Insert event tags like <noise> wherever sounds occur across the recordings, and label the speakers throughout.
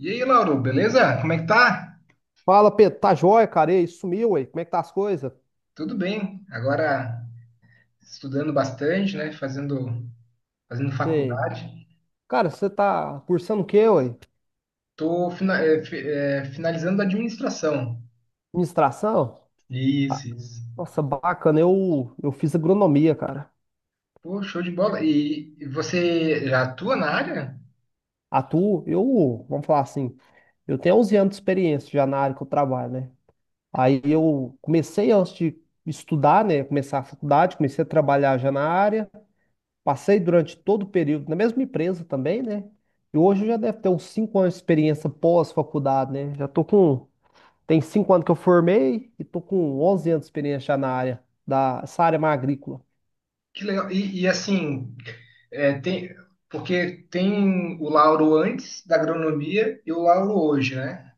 Speaker 1: E aí, Lauro, beleza? Como é que tá?
Speaker 2: Fala, Pedro, tá jóia, cara? E aí, sumiu, ué? Como é que tá as coisas?
Speaker 1: Tudo bem. Agora estudando bastante, né? Fazendo
Speaker 2: Sei.
Speaker 1: faculdade.
Speaker 2: Cara, você tá cursando o quê, ué?
Speaker 1: Tô finalizando a administração.
Speaker 2: Administração? Ah,
Speaker 1: Isso, isso.
Speaker 2: nossa, bacana, eu fiz agronomia, cara.
Speaker 1: Pô, show de bola. E você já atua na área?
Speaker 2: Atuo, eu, vamos falar assim, eu tenho 11 anos de experiência já na área que eu trabalho, né? Aí eu comecei antes de estudar, né? Começar a faculdade, comecei a trabalhar já na área, passei durante todo o período na mesma empresa também, né? E hoje eu já deve ter uns 5 anos de experiência pós-faculdade, né? Já tô com tem 5 anos que eu formei e tô com 11 anos de experiência já na área, da, essa área mais agrícola.
Speaker 1: Que legal. E, assim, eh, tem, porque tem o Lauro antes da agronomia e o Lauro hoje, né?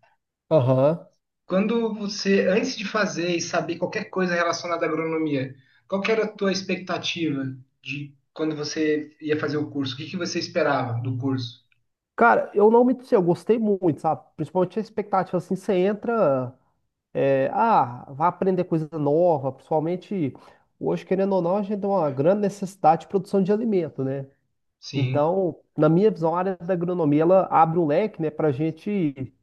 Speaker 2: Aham.
Speaker 1: Quando você, antes de fazer e saber qualquer coisa relacionada à agronomia, qual que era a tua expectativa de quando você ia fazer o curso? O que que você esperava do curso?
Speaker 2: Cara, eu não me sei, eu gostei muito, sabe? Principalmente a expectativa, assim, você entra, é, ah, vai aprender coisa nova, principalmente hoje, querendo ou não, a gente tem uma grande necessidade de produção de alimento, né?
Speaker 1: Sim.
Speaker 2: Então, na minha visão, a área da agronomia, ela abre um leque, né, pra gente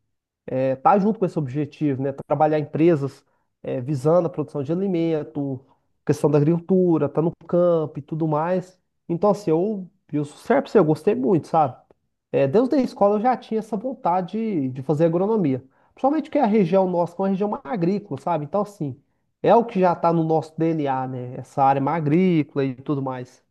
Speaker 2: tá junto com esse objetivo, né? Trabalhar empresas visando a produção de alimento, questão da agricultura, tá no campo e tudo mais. Então, assim, eu sou certo pra você, eu gostei muito, sabe? Desde a escola eu já tinha essa vontade de fazer agronomia. Principalmente que a região nossa é uma região mais agrícola, sabe? Então, assim, é o que já tá no nosso DNA, né? Essa área mais agrícola e tudo mais.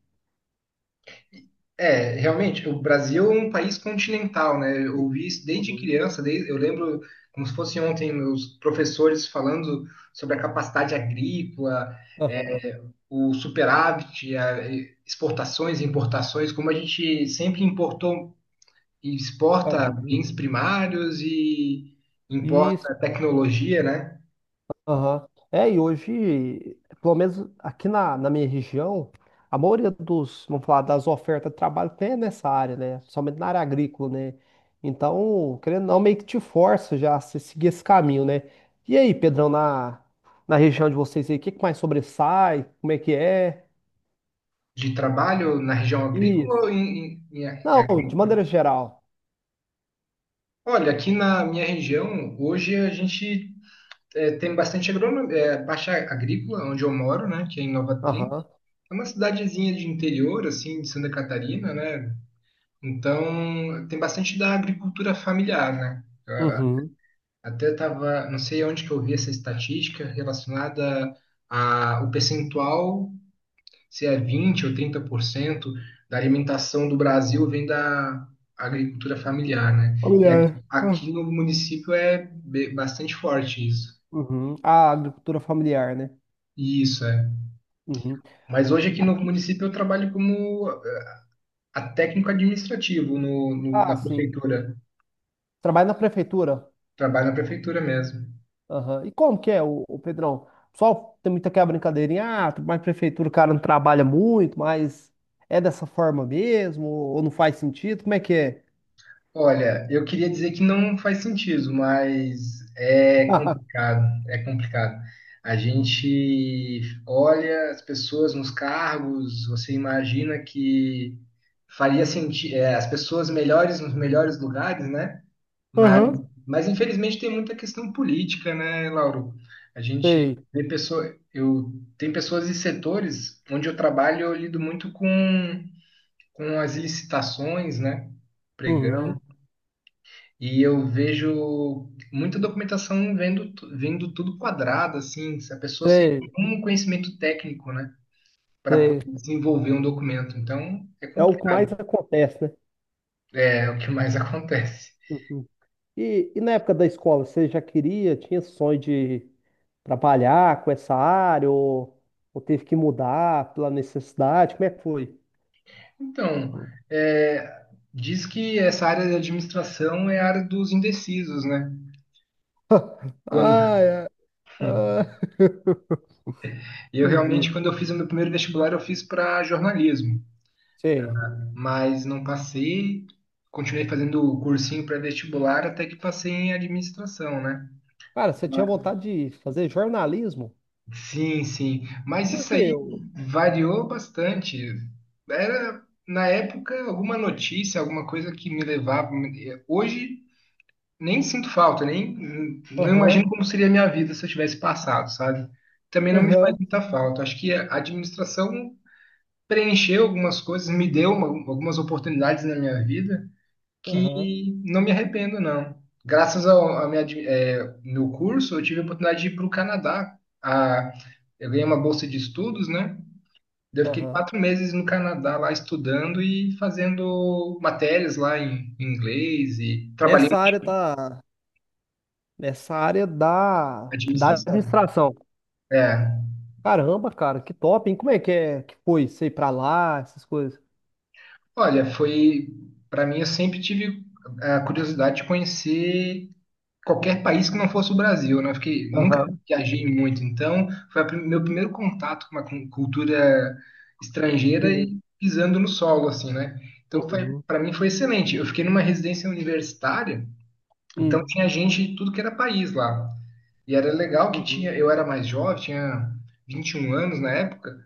Speaker 1: É, realmente, o Brasil é um país continental, né? Eu ouvi isso desde
Speaker 2: Uhum.
Speaker 1: criança, eu lembro como se fosse ontem meus professores falando sobre a capacidade agrícola,
Speaker 2: Aham,
Speaker 1: é, o superávit, exportações e importações, como a gente sempre importou e exporta
Speaker 2: aham.
Speaker 1: bens primários e
Speaker 2: E
Speaker 1: importa tecnologia, né?
Speaker 2: aham. É, e hoje, pelo menos aqui na minha região, a maioria dos, vamos falar, das ofertas de trabalho tem nessa área, né? Somente na área agrícola, né? Então, querendo ou não, meio que te força já a se- seguir esse caminho, né? E aí, Pedrão, na, na região de vocês aí, o que que mais sobressai? Como é que é?
Speaker 1: De trabalho na região agrícola
Speaker 2: Isso.
Speaker 1: ou em
Speaker 2: Não, de
Speaker 1: agrícola?
Speaker 2: maneira geral.
Speaker 1: Olha, aqui na minha região, hoje a gente tem bastante agronomia, baixa agrícola, onde eu moro, né? Que é em Nova Trim.
Speaker 2: Aham.
Speaker 1: É uma cidadezinha de interior, assim, de Santa Catarina, né? Então, tem bastante da agricultura familiar, né?
Speaker 2: Uhum.
Speaker 1: Até tava, não sei onde que eu vi essa estatística relacionada a o percentual, se é 20 ou 30% da alimentação do Brasil vem da agricultura familiar, né? E
Speaker 2: Familiar.
Speaker 1: aqui, aqui
Speaker 2: Ah,
Speaker 1: no município é bastante forte isso.
Speaker 2: uhum. A agricultura familiar, né?
Speaker 1: Isso é.
Speaker 2: Uhum.
Speaker 1: Mas hoje aqui no
Speaker 2: Aqui.
Speaker 1: município eu trabalho como a técnico administrativo na
Speaker 2: Ah, sim.
Speaker 1: prefeitura.
Speaker 2: Trabalho na prefeitura.
Speaker 1: Trabalho na prefeitura mesmo.
Speaker 2: Aham. E como que é, o, Pedrão? O pessoal tem muita aquela brincadeirinha, ah, mas prefeitura o cara não trabalha muito, mas é dessa forma mesmo, ou não faz sentido? Como é que é?
Speaker 1: Olha, eu queria dizer que não faz sentido, mas é
Speaker 2: <laughs>
Speaker 1: complicado, é complicado. A gente olha as pessoas nos cargos, você imagina que faria sentido, as pessoas melhores nos melhores lugares, né? Mas,
Speaker 2: Uhum,
Speaker 1: mas infelizmente tem muita questão política, né, Lauro? A gente
Speaker 2: sei.
Speaker 1: vê pessoa, eu tem pessoas e setores onde eu trabalho, eu lido muito com as licitações, né? Pregão
Speaker 2: Uhum,
Speaker 1: e eu vejo muita documentação vendo tudo quadrado, assim, se a pessoa sem
Speaker 2: sei,
Speaker 1: nenhum conhecimento técnico, né, para
Speaker 2: sei.
Speaker 1: poder desenvolver um documento. Então, é
Speaker 2: É o que
Speaker 1: complicado.
Speaker 2: mais acontece, né?
Speaker 1: É o que mais <laughs> acontece.
Speaker 2: Uhum. E na época da escola, você já queria, tinha sonho de trabalhar com essa área, ou teve que mudar pela necessidade? Como é que foi?
Speaker 1: Então, é, diz que essa área de administração é a área dos indecisos, né?
Speaker 2: <laughs>
Speaker 1: Quando,
Speaker 2: Ah, é. Ah, <laughs>
Speaker 1: eu
Speaker 2: entendi.
Speaker 1: realmente, quando eu fiz o meu primeiro vestibular, eu fiz para jornalismo,
Speaker 2: Sei.
Speaker 1: mas não passei. Continuei fazendo o cursinho pré-vestibular até que passei em administração, né?
Speaker 2: Cara, você tinha vontade de fazer jornalismo?
Speaker 1: Sim, sim. Mas
Speaker 2: Por
Speaker 1: isso
Speaker 2: quê?
Speaker 1: aí
Speaker 2: Eu-
Speaker 1: variou bastante. Era, na época, alguma notícia, alguma coisa que me levava. Hoje, nem sinto falta, nem não
Speaker 2: Aham,
Speaker 1: imagino como seria a minha vida se eu tivesse passado, sabe? Também não me faz
Speaker 2: aham,
Speaker 1: muita falta. Acho que a administração preencheu algumas coisas, me deu algumas oportunidades na minha vida
Speaker 2: aham,
Speaker 1: que não me arrependo, não. Graças ao a minha, admi- é, meu curso, eu tive a oportunidade de ir para o Canadá. Eu ganhei uma bolsa de estudos, né? Daí eu fiquei
Speaker 2: aham.
Speaker 1: 4 meses no Canadá lá estudando e fazendo matérias lá em inglês e trabalhei na
Speaker 2: Nessa área tá, nessa área da, da
Speaker 1: administração.
Speaker 2: administração.
Speaker 1: É,
Speaker 2: Caramba, cara, que top, hein? Como é que foi você ir pra lá, essas coisas?
Speaker 1: Olha, foi para mim eu sempre tive a curiosidade de conhecer qualquer país que não fosse o Brasil, né? Porque nunca
Speaker 2: Aham,
Speaker 1: viajei muito, então foi meu primeiro contato com uma cultura
Speaker 2: que
Speaker 1: estrangeira e
Speaker 2: diferente.
Speaker 1: pisando no solo, assim, né? Então foi
Speaker 2: Uhum,
Speaker 1: para mim foi excelente. Eu fiquei numa residência universitária, então
Speaker 2: uhum,
Speaker 1: tinha gente de tudo que era país lá. E era legal que tinha,
Speaker 2: uhum,
Speaker 1: eu era mais jovem, tinha 21 anos na época,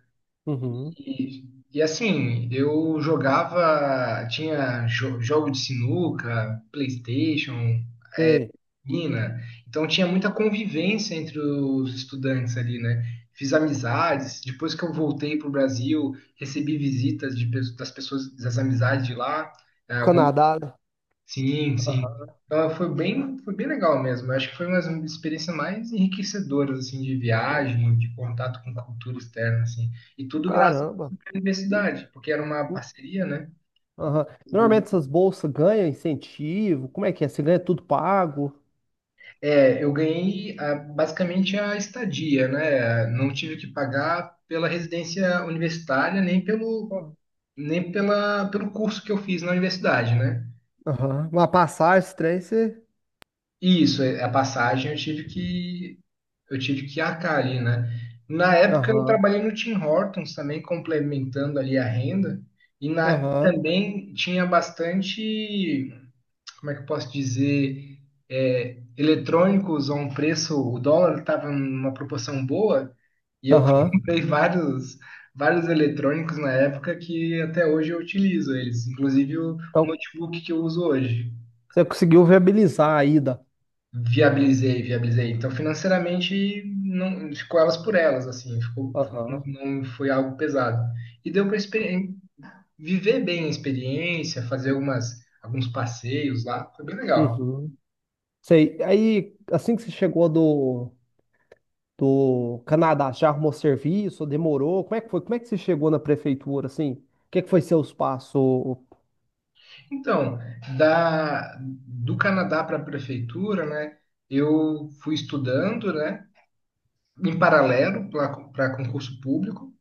Speaker 2: uhum.
Speaker 1: e, e assim, eu jogava, tinha jogo de sinuca, PlayStation,
Speaker 2: Sei.
Speaker 1: Argentina. Então tinha muita convivência entre os estudantes ali, né? Fiz amizades. Depois que eu voltei para o Brasil, recebi visitas das pessoas, das amizades de lá. É, uma-
Speaker 2: Canadá, né?
Speaker 1: Sim, sim. Então, foi bem legal mesmo. Eu acho que foi uma das experiências mais enriquecedoras assim de
Speaker 2: Nossa,
Speaker 1: viagem, de contato com cultura externa, assim. E tudo graças
Speaker 2: caramba.
Speaker 1: à universidade, porque era uma
Speaker 2: Hum,
Speaker 1: parceria, né?
Speaker 2: Aham. Normalmente essas bolsas ganham incentivo. Como é que é? Você ganha tudo pago?
Speaker 1: É, eu ganhei basicamente a estadia, né? Não tive que pagar pela residência universitária, nem pelo, nem pela, pelo curso que eu fiz na universidade, né?
Speaker 2: Aham. Uma passagem, esse trem, você.
Speaker 1: E isso, a passagem eu tive que arcar ali, né? Na época eu
Speaker 2: Aham.
Speaker 1: trabalhei no Tim Hortons também, complementando ali a renda, e
Speaker 2: Aham.
Speaker 1: também tinha bastante. Como é que eu posso dizer, eletrônicos a um preço, o dólar estava numa proporção boa, e eu <laughs>
Speaker 2: Aham.
Speaker 1: comprei vários eletrônicos na época que até hoje eu utilizo eles, inclusive o
Speaker 2: Então,
Speaker 1: notebook que eu uso hoje.
Speaker 2: você conseguiu viabilizar a ida.
Speaker 1: Viabilizei, viabilizei. Então, financeiramente, não ficou elas por elas, assim, ficou,
Speaker 2: Aham.
Speaker 1: não foi algo pesado. E deu para viver bem a experiência, fazer alguns passeios lá, foi bem legal.
Speaker 2: Uhum. Sei. Aí, assim que você chegou do, do Canadá, já arrumou serviço? Demorou? Como é que foi? Como é que você chegou na prefeitura, assim? O que é que foi seus passos? Ô-
Speaker 1: Então, do Canadá para a prefeitura, né? Eu fui estudando, né? Em paralelo para concurso público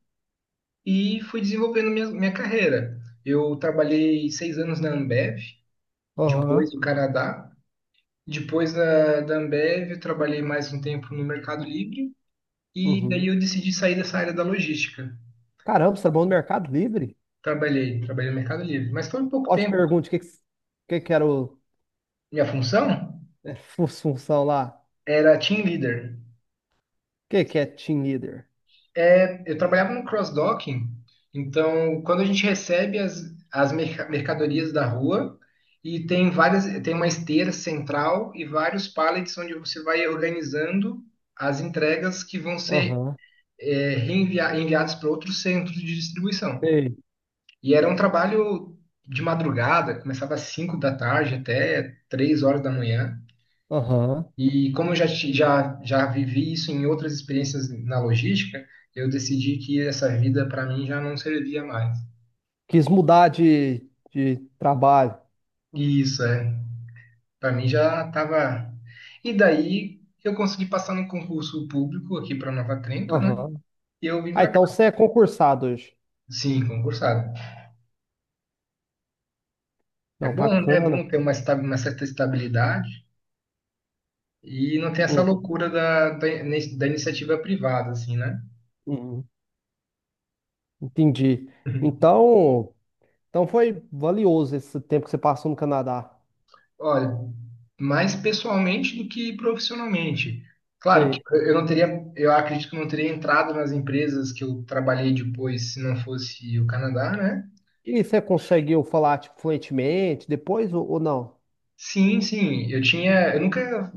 Speaker 1: e fui desenvolvendo minha carreira. Eu trabalhei 6 anos na Ambev,
Speaker 2: ô?
Speaker 1: depois
Speaker 2: Aham.
Speaker 1: do Canadá. Depois da Ambev, eu trabalhei mais um tempo no Mercado Livre e daí
Speaker 2: Uhum.
Speaker 1: eu decidi sair dessa área da logística.
Speaker 2: Caramba, você é bom no Mercado Livre?
Speaker 1: Trabalhei, trabalhei no Mercado Livre, mas foi um pouco
Speaker 2: Ótima
Speaker 1: tempo.
Speaker 2: pergunta. O que que era o,
Speaker 1: Minha função
Speaker 2: é, <laughs> fu- função lá?
Speaker 1: era team leader.
Speaker 2: O que que é team leader?
Speaker 1: Eu trabalhava no cross-docking, então quando a gente recebe as mercadorias da rua e tem uma esteira central e vários pallets onde você vai organizando as entregas que vão ser
Speaker 2: Aham.
Speaker 1: enviadas para outros centros de distribuição.
Speaker 2: Sei.
Speaker 1: E era um trabalho de madrugada, começava às 5 da tarde até 3 horas da manhã.
Speaker 2: Aham.
Speaker 1: E como eu já vivi isso em outras experiências na logística, eu decidi que essa vida para mim já não servia mais.
Speaker 2: Quis mudar de trabalho.
Speaker 1: E isso, é. Para mim já estava. E daí eu consegui passar no concurso público aqui para Nova Trento, né?
Speaker 2: Aham.
Speaker 1: E eu vim
Speaker 2: Ah,
Speaker 1: para
Speaker 2: então
Speaker 1: cá.
Speaker 2: você é concursado hoje.
Speaker 1: Sim, concursado. É
Speaker 2: Não,
Speaker 1: bom, né? É
Speaker 2: bacana,
Speaker 1: bom ter
Speaker 2: cara.
Speaker 1: uma certa estabilidade e não ter essa
Speaker 2: Uhum,
Speaker 1: loucura da iniciativa privada, assim, né?
Speaker 2: uhum. Entendi.
Speaker 1: <laughs>
Speaker 2: Então, então foi valioso esse tempo que você passou no Canadá.
Speaker 1: Olha, mais pessoalmente do que profissionalmente. Claro que
Speaker 2: Sei.
Speaker 1: eu não teria, eu acredito que eu não teria entrado nas empresas que eu trabalhei depois se não fosse o Canadá, né?
Speaker 2: E você conseguiu falar, tipo, fluentemente depois ou não?
Speaker 1: Sim, sim, eu tinha, eu nunca,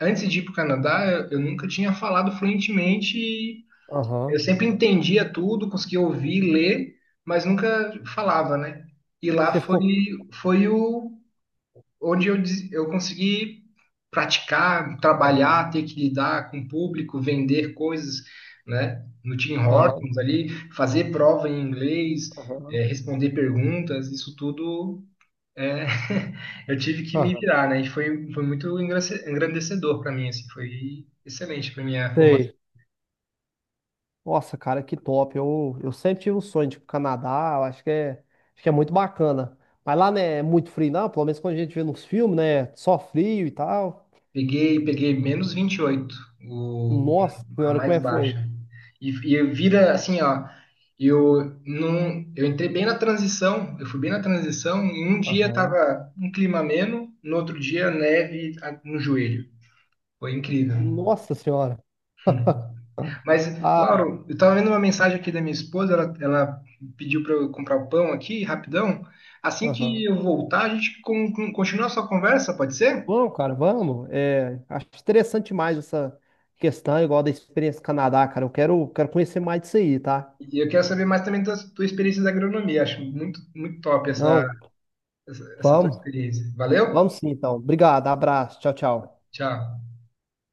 Speaker 1: antes de ir para o Canadá, eu nunca tinha falado fluentemente.
Speaker 2: Aham.
Speaker 1: Eu sempre entendia tudo, conseguia ouvir, ler, mas nunca falava, né? E lá
Speaker 2: Você
Speaker 1: foi,
Speaker 2: ficou.
Speaker 1: foi o onde eu consegui praticar, trabalhar,
Speaker 2: Aham.
Speaker 1: ter que lidar com o público, vender coisas, né? No Tim
Speaker 2: Aham.
Speaker 1: Hortons ali, fazer prova em inglês,
Speaker 2: Aham.
Speaker 1: responder perguntas, isso tudo eh, <laughs> eu tive que me
Speaker 2: Aham.
Speaker 1: virar, né? E foi muito engrandecedor para mim, assim, foi excelente para minha formação.
Speaker 2: Sei. Nossa, cara, que top. Eu sempre tive um sonho de ir pro Canadá. Eu acho que é muito bacana. Mas lá, né, é muito frio, não? Pelo menos quando a gente vê nos filmes, né? Só frio e tal.
Speaker 1: Peguei -28 o,
Speaker 2: Nossa
Speaker 1: a
Speaker 2: senhora, como
Speaker 1: mais
Speaker 2: é que foi?
Speaker 1: baixa. E eu vira assim, ó. Eu não, eu entrei bem na transição, eu fui bem na transição. E um dia
Speaker 2: Aham.
Speaker 1: tava um clima ameno, no outro dia neve no joelho. Foi incrível.
Speaker 2: Nossa senhora. <laughs>
Speaker 1: <laughs> Mas,
Speaker 2: Ah,
Speaker 1: Lauro, eu tava vendo uma mensagem aqui da minha esposa, ela pediu para eu comprar o pão aqui, rapidão. Assim que
Speaker 2: aham.
Speaker 1: eu voltar, a gente continua a sua conversa, pode ser?
Speaker 2: Vamos, cara, vamos. É, acho interessante mais essa questão, igual da experiência do Canadá, cara. Eu quero, quero conhecer mais disso aí, tá?
Speaker 1: E eu quero saber mais também da tua experiência da agronomia. Acho muito, muito top essa,
Speaker 2: Não,
Speaker 1: essa, essa tua
Speaker 2: vamos.
Speaker 1: experiência. Valeu?
Speaker 2: Vamos sim, então. Obrigado, abraço. Tchau, tchau.
Speaker 1: Tchau.